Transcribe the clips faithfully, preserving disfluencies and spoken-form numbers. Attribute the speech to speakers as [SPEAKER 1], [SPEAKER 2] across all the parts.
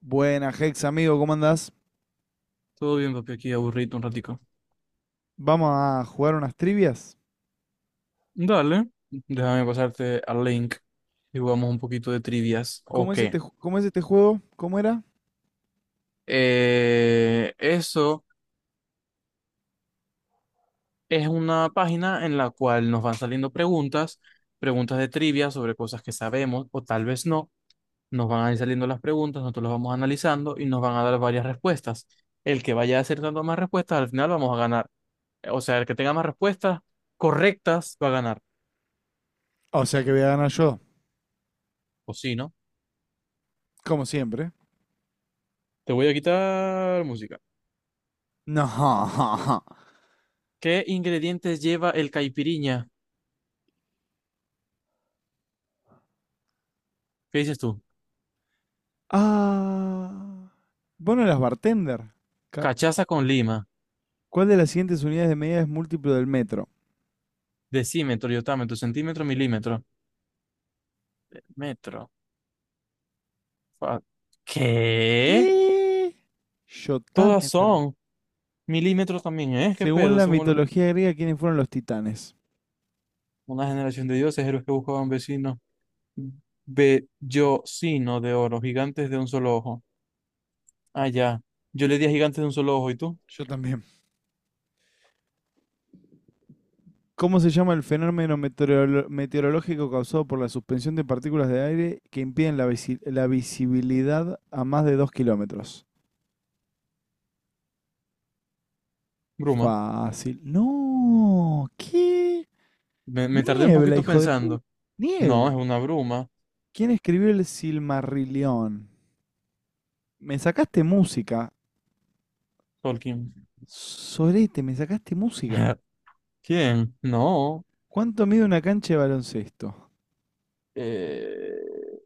[SPEAKER 1] Buena, Hex, amigo, ¿cómo andás?
[SPEAKER 2] Todo bien, papi, aquí aburrido un ratico.
[SPEAKER 1] Vamos a jugar unas trivias.
[SPEAKER 2] Dale, déjame pasarte al link y jugamos un poquito de trivias.
[SPEAKER 1] ¿Cómo
[SPEAKER 2] Ok.
[SPEAKER 1] es este, ju- ¿cómo es este juego? ¿Cómo era?
[SPEAKER 2] Eh, eso es una página en la cual nos van saliendo preguntas, preguntas de trivia sobre cosas que sabemos o tal vez no. Nos van a ir saliendo las preguntas, nosotros las vamos analizando y nos van a dar varias respuestas. El que vaya acertando más respuestas, al final vamos a ganar. O sea, el que tenga más respuestas correctas va a ganar.
[SPEAKER 1] O sea que voy a ganar yo,
[SPEAKER 2] O sí, ¿no?
[SPEAKER 1] como siempre.
[SPEAKER 2] Te voy a quitar música.
[SPEAKER 1] No.
[SPEAKER 2] ¿Qué ingredientes lleva el caipiriña? ¿Qué dices tú?
[SPEAKER 1] Ah. Vos no eras bartender. Ca-
[SPEAKER 2] Cachaza con lima,
[SPEAKER 1] ¿Cuál de las siguientes unidades de medida es múltiplo del metro?
[SPEAKER 2] decímetro, iotámetro, centímetro, milímetro, eh, metro. fa- ¿Qué?
[SPEAKER 1] ¿Qué?
[SPEAKER 2] Todas
[SPEAKER 1] Yotámetro.
[SPEAKER 2] son milímetros también, ¿eh? ¿Qué
[SPEAKER 1] Según
[SPEAKER 2] pedo?
[SPEAKER 1] la
[SPEAKER 2] Según
[SPEAKER 1] mitología griega, ¿quiénes fueron los titanes?
[SPEAKER 2] una generación de dioses, héroes que buscaban vecinos, bellocino de oro, gigantes de un solo ojo. Ah, ya. Yo le di a gigantes de un solo ojo, ¿y tú?
[SPEAKER 1] Yo también. ¿Cómo se llama el fenómeno meteorolo- meteorológico causado por la suspensión de partículas de aire que impiden la, visi- la visibilidad a más de dos kilómetros?
[SPEAKER 2] Bruma.
[SPEAKER 1] Fácil. No, ¿qué?
[SPEAKER 2] Me, me tardé un
[SPEAKER 1] Niebla,
[SPEAKER 2] poquito
[SPEAKER 1] hijo de pu...
[SPEAKER 2] pensando. No, es
[SPEAKER 1] Niebla.
[SPEAKER 2] una bruma,
[SPEAKER 1] ¿Quién escribió el Silmarillion? Me sacaste música.
[SPEAKER 2] Tolkien.
[SPEAKER 1] Sorete, me sacaste música.
[SPEAKER 2] ¿Quién? No.
[SPEAKER 1] ¿Cuánto mide una cancha de baloncesto?
[SPEAKER 2] Eh,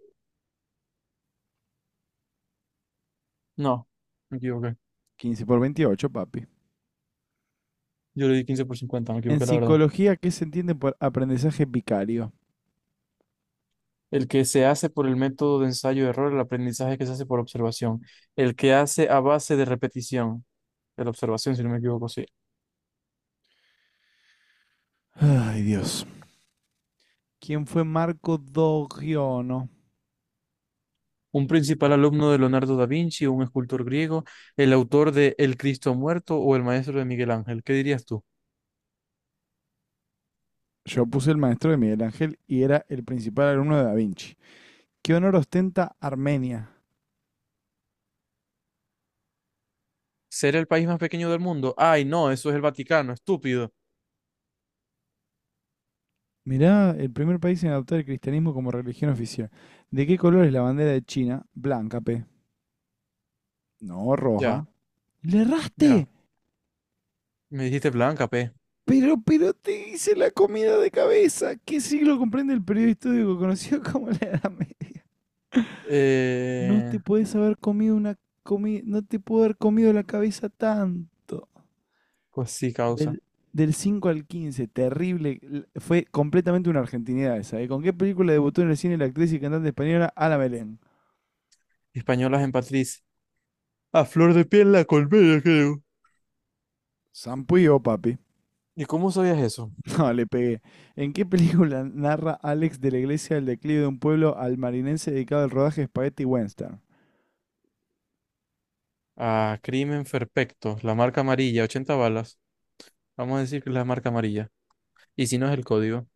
[SPEAKER 2] no, me equivoqué.
[SPEAKER 1] Quince por veintiocho, papi.
[SPEAKER 2] Yo le di quince por cincuenta me
[SPEAKER 1] En
[SPEAKER 2] equivoqué, la verdad.
[SPEAKER 1] psicología, ¿qué se entiende por aprendizaje vicario?
[SPEAKER 2] El que se hace por el método de ensayo-error, el aprendizaje que se hace por observación. El que hace a base de repetición, de la observación, si no me equivoco, sí.
[SPEAKER 1] Ay, Dios. ¿Quién fue Marco Dogiono?
[SPEAKER 2] Un principal alumno de Leonardo da Vinci, un escultor griego, el autor de El Cristo Muerto o el maestro de Miguel Ángel. ¿Qué dirías tú?
[SPEAKER 1] Yo puse el maestro de Miguel Ángel y era el principal alumno de Da Vinci. ¿Qué honor ostenta Armenia?
[SPEAKER 2] ¿Ser el país más pequeño del mundo? Ay, no, eso es el Vaticano, estúpido.
[SPEAKER 1] Mirá, el primer país en adoptar el cristianismo como religión oficial. ¿De qué color es la bandera de China? Blanca, P. No,
[SPEAKER 2] Ya,
[SPEAKER 1] roja. ¡Le erraste!
[SPEAKER 2] ya. Me dijiste blanca, pe.
[SPEAKER 1] Pero, pero te hice la comida de cabeza. ¿Qué siglo comprende el periodo histórico conocido como la Edad Media? No
[SPEAKER 2] Eh,
[SPEAKER 1] te puedes haber comido una comida. No te puedo haber comido la cabeza tanto.
[SPEAKER 2] pues sí, causa.
[SPEAKER 1] Del, del cinco al quince, terrible. l- Fue completamente una argentinidad esa, ¿eh? ¿Con qué película debutó en el cine la actriz y cantante española Ana Belén?
[SPEAKER 2] Españolas en Patriz. A flor de piel la colmena, creo.
[SPEAKER 1] Sampuyo, papi.
[SPEAKER 2] ¿Y cómo sabías eso?
[SPEAKER 1] No, le pegué. ¿En qué película narra Alex de la Iglesia el declive de un pueblo almarinense dedicado al rodaje de Spaghetti Western?
[SPEAKER 2] A Crimen Perfecto, la marca amarilla, ochenta balas. Vamos a decir que es la marca amarilla. Y si no es el código.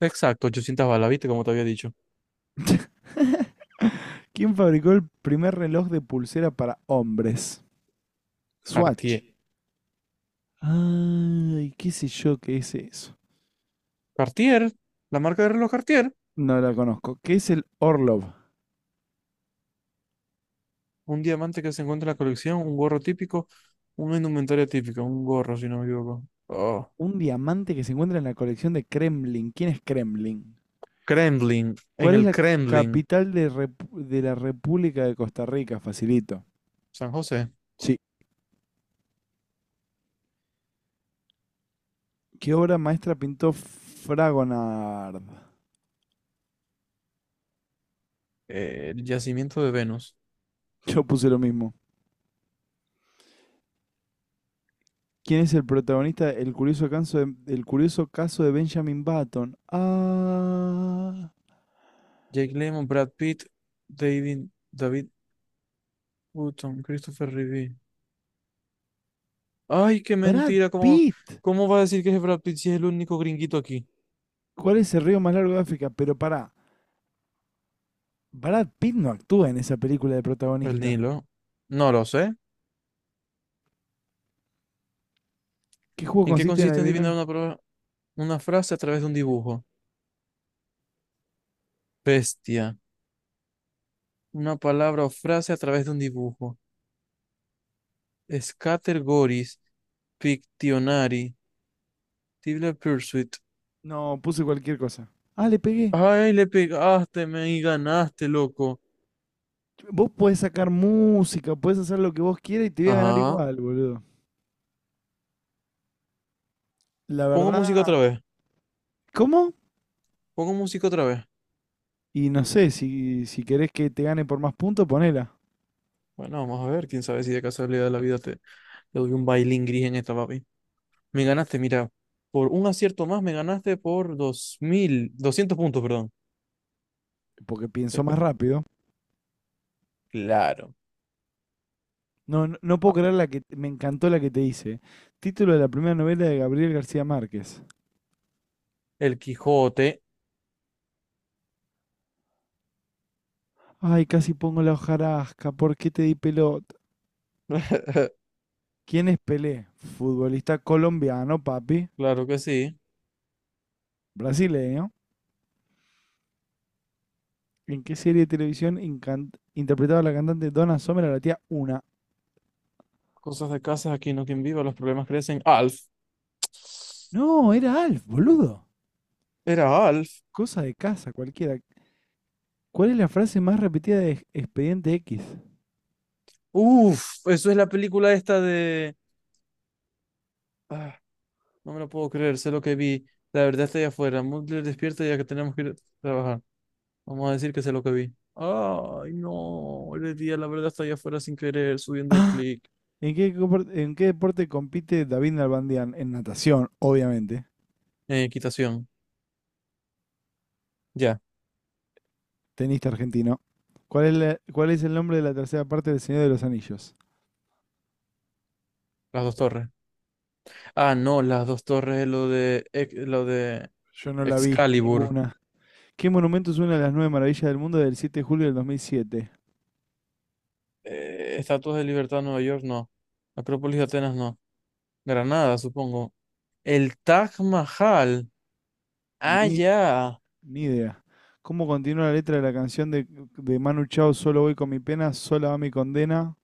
[SPEAKER 2] Exacto, ochocientas balas, ¿viste? Como te había dicho.
[SPEAKER 1] ¿Quién fabricó el primer reloj de pulsera para hombres? Swatch.
[SPEAKER 2] Cartier.
[SPEAKER 1] Ay, qué sé yo qué es eso.
[SPEAKER 2] Cartier, la marca de reloj Cartier.
[SPEAKER 1] No la conozco. ¿Qué es el Orlov?
[SPEAKER 2] Un diamante que se encuentra en la colección, un gorro típico, una indumentaria típica, un gorro, si no me equivoco. Oh.
[SPEAKER 1] Un diamante que se encuentra en la colección de Kremlin. ¿Quién es Kremlin?
[SPEAKER 2] Kremlin, en
[SPEAKER 1] ¿Cuál es
[SPEAKER 2] el
[SPEAKER 1] la
[SPEAKER 2] Kremlin,
[SPEAKER 1] capital de, Repu- de la República de Costa Rica? Facilito.
[SPEAKER 2] San José,
[SPEAKER 1] Sí. ¿Qué obra maestra pintó Fragonard?
[SPEAKER 2] eh, el yacimiento de Venus.
[SPEAKER 1] Yo puse lo mismo. ¿Quién es el protagonista del curioso caso de, el curioso caso de Benjamin Button? Ah,
[SPEAKER 2] Jake Lemmon, Brad Pitt, David, David Hutton, Christopher Reeve. Ay, qué
[SPEAKER 1] Brad
[SPEAKER 2] mentira. ¿Cómo,
[SPEAKER 1] Pitt.
[SPEAKER 2] cómo va a decir que es Brad Pitt si es el único gringuito aquí?
[SPEAKER 1] ¿Cuál es el río más largo de África? Pero pará, Brad Pitt no actúa en esa película de
[SPEAKER 2] El
[SPEAKER 1] protagonista.
[SPEAKER 2] Nilo. No lo sé.
[SPEAKER 1] ¿Qué juego
[SPEAKER 2] ¿En qué
[SPEAKER 1] consiste en
[SPEAKER 2] consiste adivinar
[SPEAKER 1] adivinar?
[SPEAKER 2] una, pro- una frase a través de un dibujo? Bestia. Una palabra o frase a través de un dibujo. Scattergories, Pictionary. Tibler Pursuit.
[SPEAKER 1] No, puse cualquier cosa. Ah, le pegué.
[SPEAKER 2] Ay, le pegaste, me y ganaste, loco.
[SPEAKER 1] Vos podés sacar música, podés hacer lo que vos quieras y te voy a ganar
[SPEAKER 2] Ajá.
[SPEAKER 1] igual, boludo. La
[SPEAKER 2] Pongo
[SPEAKER 1] verdad,
[SPEAKER 2] música otra vez.
[SPEAKER 1] ¿cómo?
[SPEAKER 2] Pongo música otra vez.
[SPEAKER 1] Y no sé, si, si querés que te gane por más puntos, ponela.
[SPEAKER 2] Bueno, vamos a ver, quién sabe si de casualidad de la vida te, te doy un bailín gris en esta, papi. Me ganaste, mira, por un acierto más me ganaste por dos mil doscientos puntos, perdón.
[SPEAKER 1] Porque
[SPEAKER 2] Qué
[SPEAKER 1] pienso más
[SPEAKER 2] pe-
[SPEAKER 1] rápido.
[SPEAKER 2] Claro.
[SPEAKER 1] No, no, no puedo
[SPEAKER 2] Ah,
[SPEAKER 1] creer la que me encantó la que te hice. Título de la primera novela de Gabriel García Márquez.
[SPEAKER 2] el Quijote,
[SPEAKER 1] Ay, casi pongo la hojarasca. ¿Por qué te di pelota? ¿Quién es Pelé? Futbolista colombiano, papi.
[SPEAKER 2] claro que sí.
[SPEAKER 1] Brasileño. ¿En qué serie de televisión incan- interpretaba la cantante Donna Summer a la tía Una?
[SPEAKER 2] Cosas de casas, aquí no quien viva, los problemas crecen. Alf,
[SPEAKER 1] No, era Alf, boludo.
[SPEAKER 2] era Alf.
[SPEAKER 1] Cosa de casa, cualquiera. ¿Cuál es la frase más repetida de Ex- Expediente X?
[SPEAKER 2] Uf, eso es la película esta de... Ah, no me lo puedo creer, sé lo que vi. La verdad está allá afuera. Mulder despierta ya que tenemos que ir a trabajar. Vamos a decir que sé lo que vi. Ay, no. Le di a la verdad hasta allá afuera sin querer, subiendo el clic.
[SPEAKER 1] ¿En qué, compor- en qué deporte compite David Nalbandian? En natación, obviamente.
[SPEAKER 2] En equitación. Ya,
[SPEAKER 1] Tenista argentino. ¿Cuál es, la- cuál es el nombre de la tercera parte del Señor de los Anillos?
[SPEAKER 2] las dos torres. Ah, no, las dos torres es lo de, Ex- lo de
[SPEAKER 1] Yo no la vi,
[SPEAKER 2] Excalibur.
[SPEAKER 1] ninguna. ¿Qué monumento es una de las nueve maravillas del mundo del siete de julio del dos mil siete?
[SPEAKER 2] Eh, Estatuas de Libertad, Nueva York, no. Acrópolis de Atenas, no. Granada, supongo. El Taj Mahal. Ah,
[SPEAKER 1] Ni
[SPEAKER 2] ya.
[SPEAKER 1] Ni idea. ¿Cómo continúa la letra de la canción de, de Manu Chao? Solo voy con mi pena, sola va mi condena.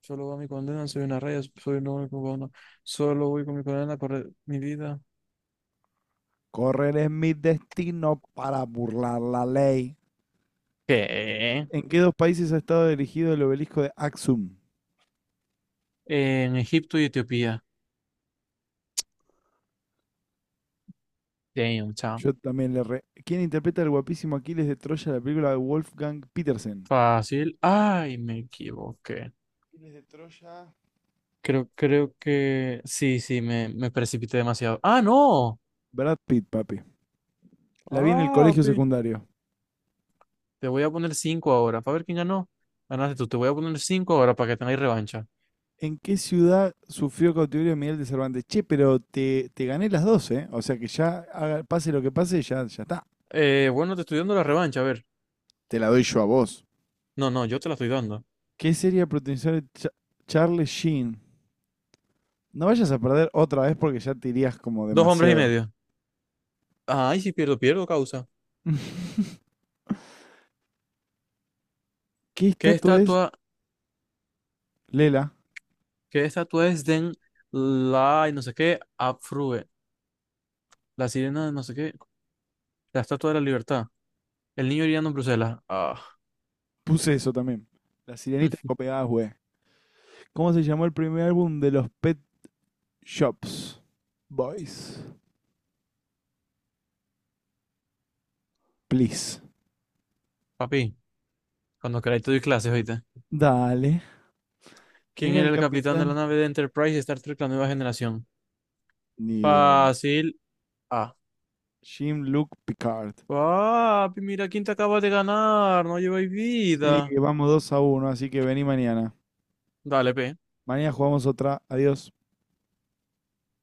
[SPEAKER 2] Solo va mi condena, soy una raya, soy un hombre cubano. Solo voy con mi condena, correr mi vida.
[SPEAKER 1] Correr es mi destino para burlar la ley.
[SPEAKER 2] ¿Qué?
[SPEAKER 1] ¿En qué dos países ha estado dirigido el obelisco de Axum?
[SPEAKER 2] En Egipto y Etiopía. Damn, chamo.
[SPEAKER 1] Yo también le re... ¿Quién interpreta al guapísimo Aquiles de Troya en la película de Wolfgang Petersen?
[SPEAKER 2] Fácil. Ay, me equivoqué.
[SPEAKER 1] Aquiles de Troya.
[SPEAKER 2] Creo, creo que sí, sí, me, me precipité demasiado. ¡Ah, no!
[SPEAKER 1] Brad Pitt, papi. La vi en el
[SPEAKER 2] ¡Ah,
[SPEAKER 1] colegio
[SPEAKER 2] pi!
[SPEAKER 1] secundario.
[SPEAKER 2] Te voy a poner cinco ahora para ver quién ganó. Ganaste tú. Te voy a poner cinco ahora para que tengáis revancha.
[SPEAKER 1] ¿En qué ciudad sufrió cautiverio Miguel de Cervantes? Che, pero te, te gané las dos, ¿eh? O sea que ya haga- pase lo que pase, ya, ya está.
[SPEAKER 2] Eh, bueno, te estoy dando la revancha, a ver.
[SPEAKER 1] Te la doy yo a vos.
[SPEAKER 2] No, no, yo te la estoy dando.
[SPEAKER 1] ¿Qué sería protagonizar Cha- Charlie Sheen? No vayas a perder otra vez porque ya te irías como
[SPEAKER 2] Dos hombres y
[SPEAKER 1] demasiado.
[SPEAKER 2] medio. Ay, si pierdo, pierdo, causa.
[SPEAKER 1] ¿Qué
[SPEAKER 2] ¿Qué
[SPEAKER 1] estatua es
[SPEAKER 2] estatua,
[SPEAKER 1] Lela?
[SPEAKER 2] qué estatua es Den la y no sé qué? Afrue. La sirena de no sé qué. La estatua de la libertad. El niño hiriendo en Bruselas. Ah,
[SPEAKER 1] Puse eso también. La sirenita de Copenhague. ¿Cómo se llamó el primer álbum de los Pet Shops? Boys. Please.
[SPEAKER 2] papi. Cuando queráis te doy clases, oíste.
[SPEAKER 1] Dale. ¿Quién
[SPEAKER 2] ¿Quién
[SPEAKER 1] era
[SPEAKER 2] era
[SPEAKER 1] el
[SPEAKER 2] el capitán de
[SPEAKER 1] capitán?
[SPEAKER 2] la nave de Enterprise de Star Trek, la nueva generación?
[SPEAKER 1] Ni idea.
[SPEAKER 2] Fácil. Ah.
[SPEAKER 1] Jim Luke Picard.
[SPEAKER 2] Papi, mira quién te acaba de ganar. No lleváis
[SPEAKER 1] Sí,
[SPEAKER 2] vida.
[SPEAKER 1] vamos dos a uno, así que vení mañana.
[SPEAKER 2] Dale, P.
[SPEAKER 1] Mañana jugamos otra. Adiós.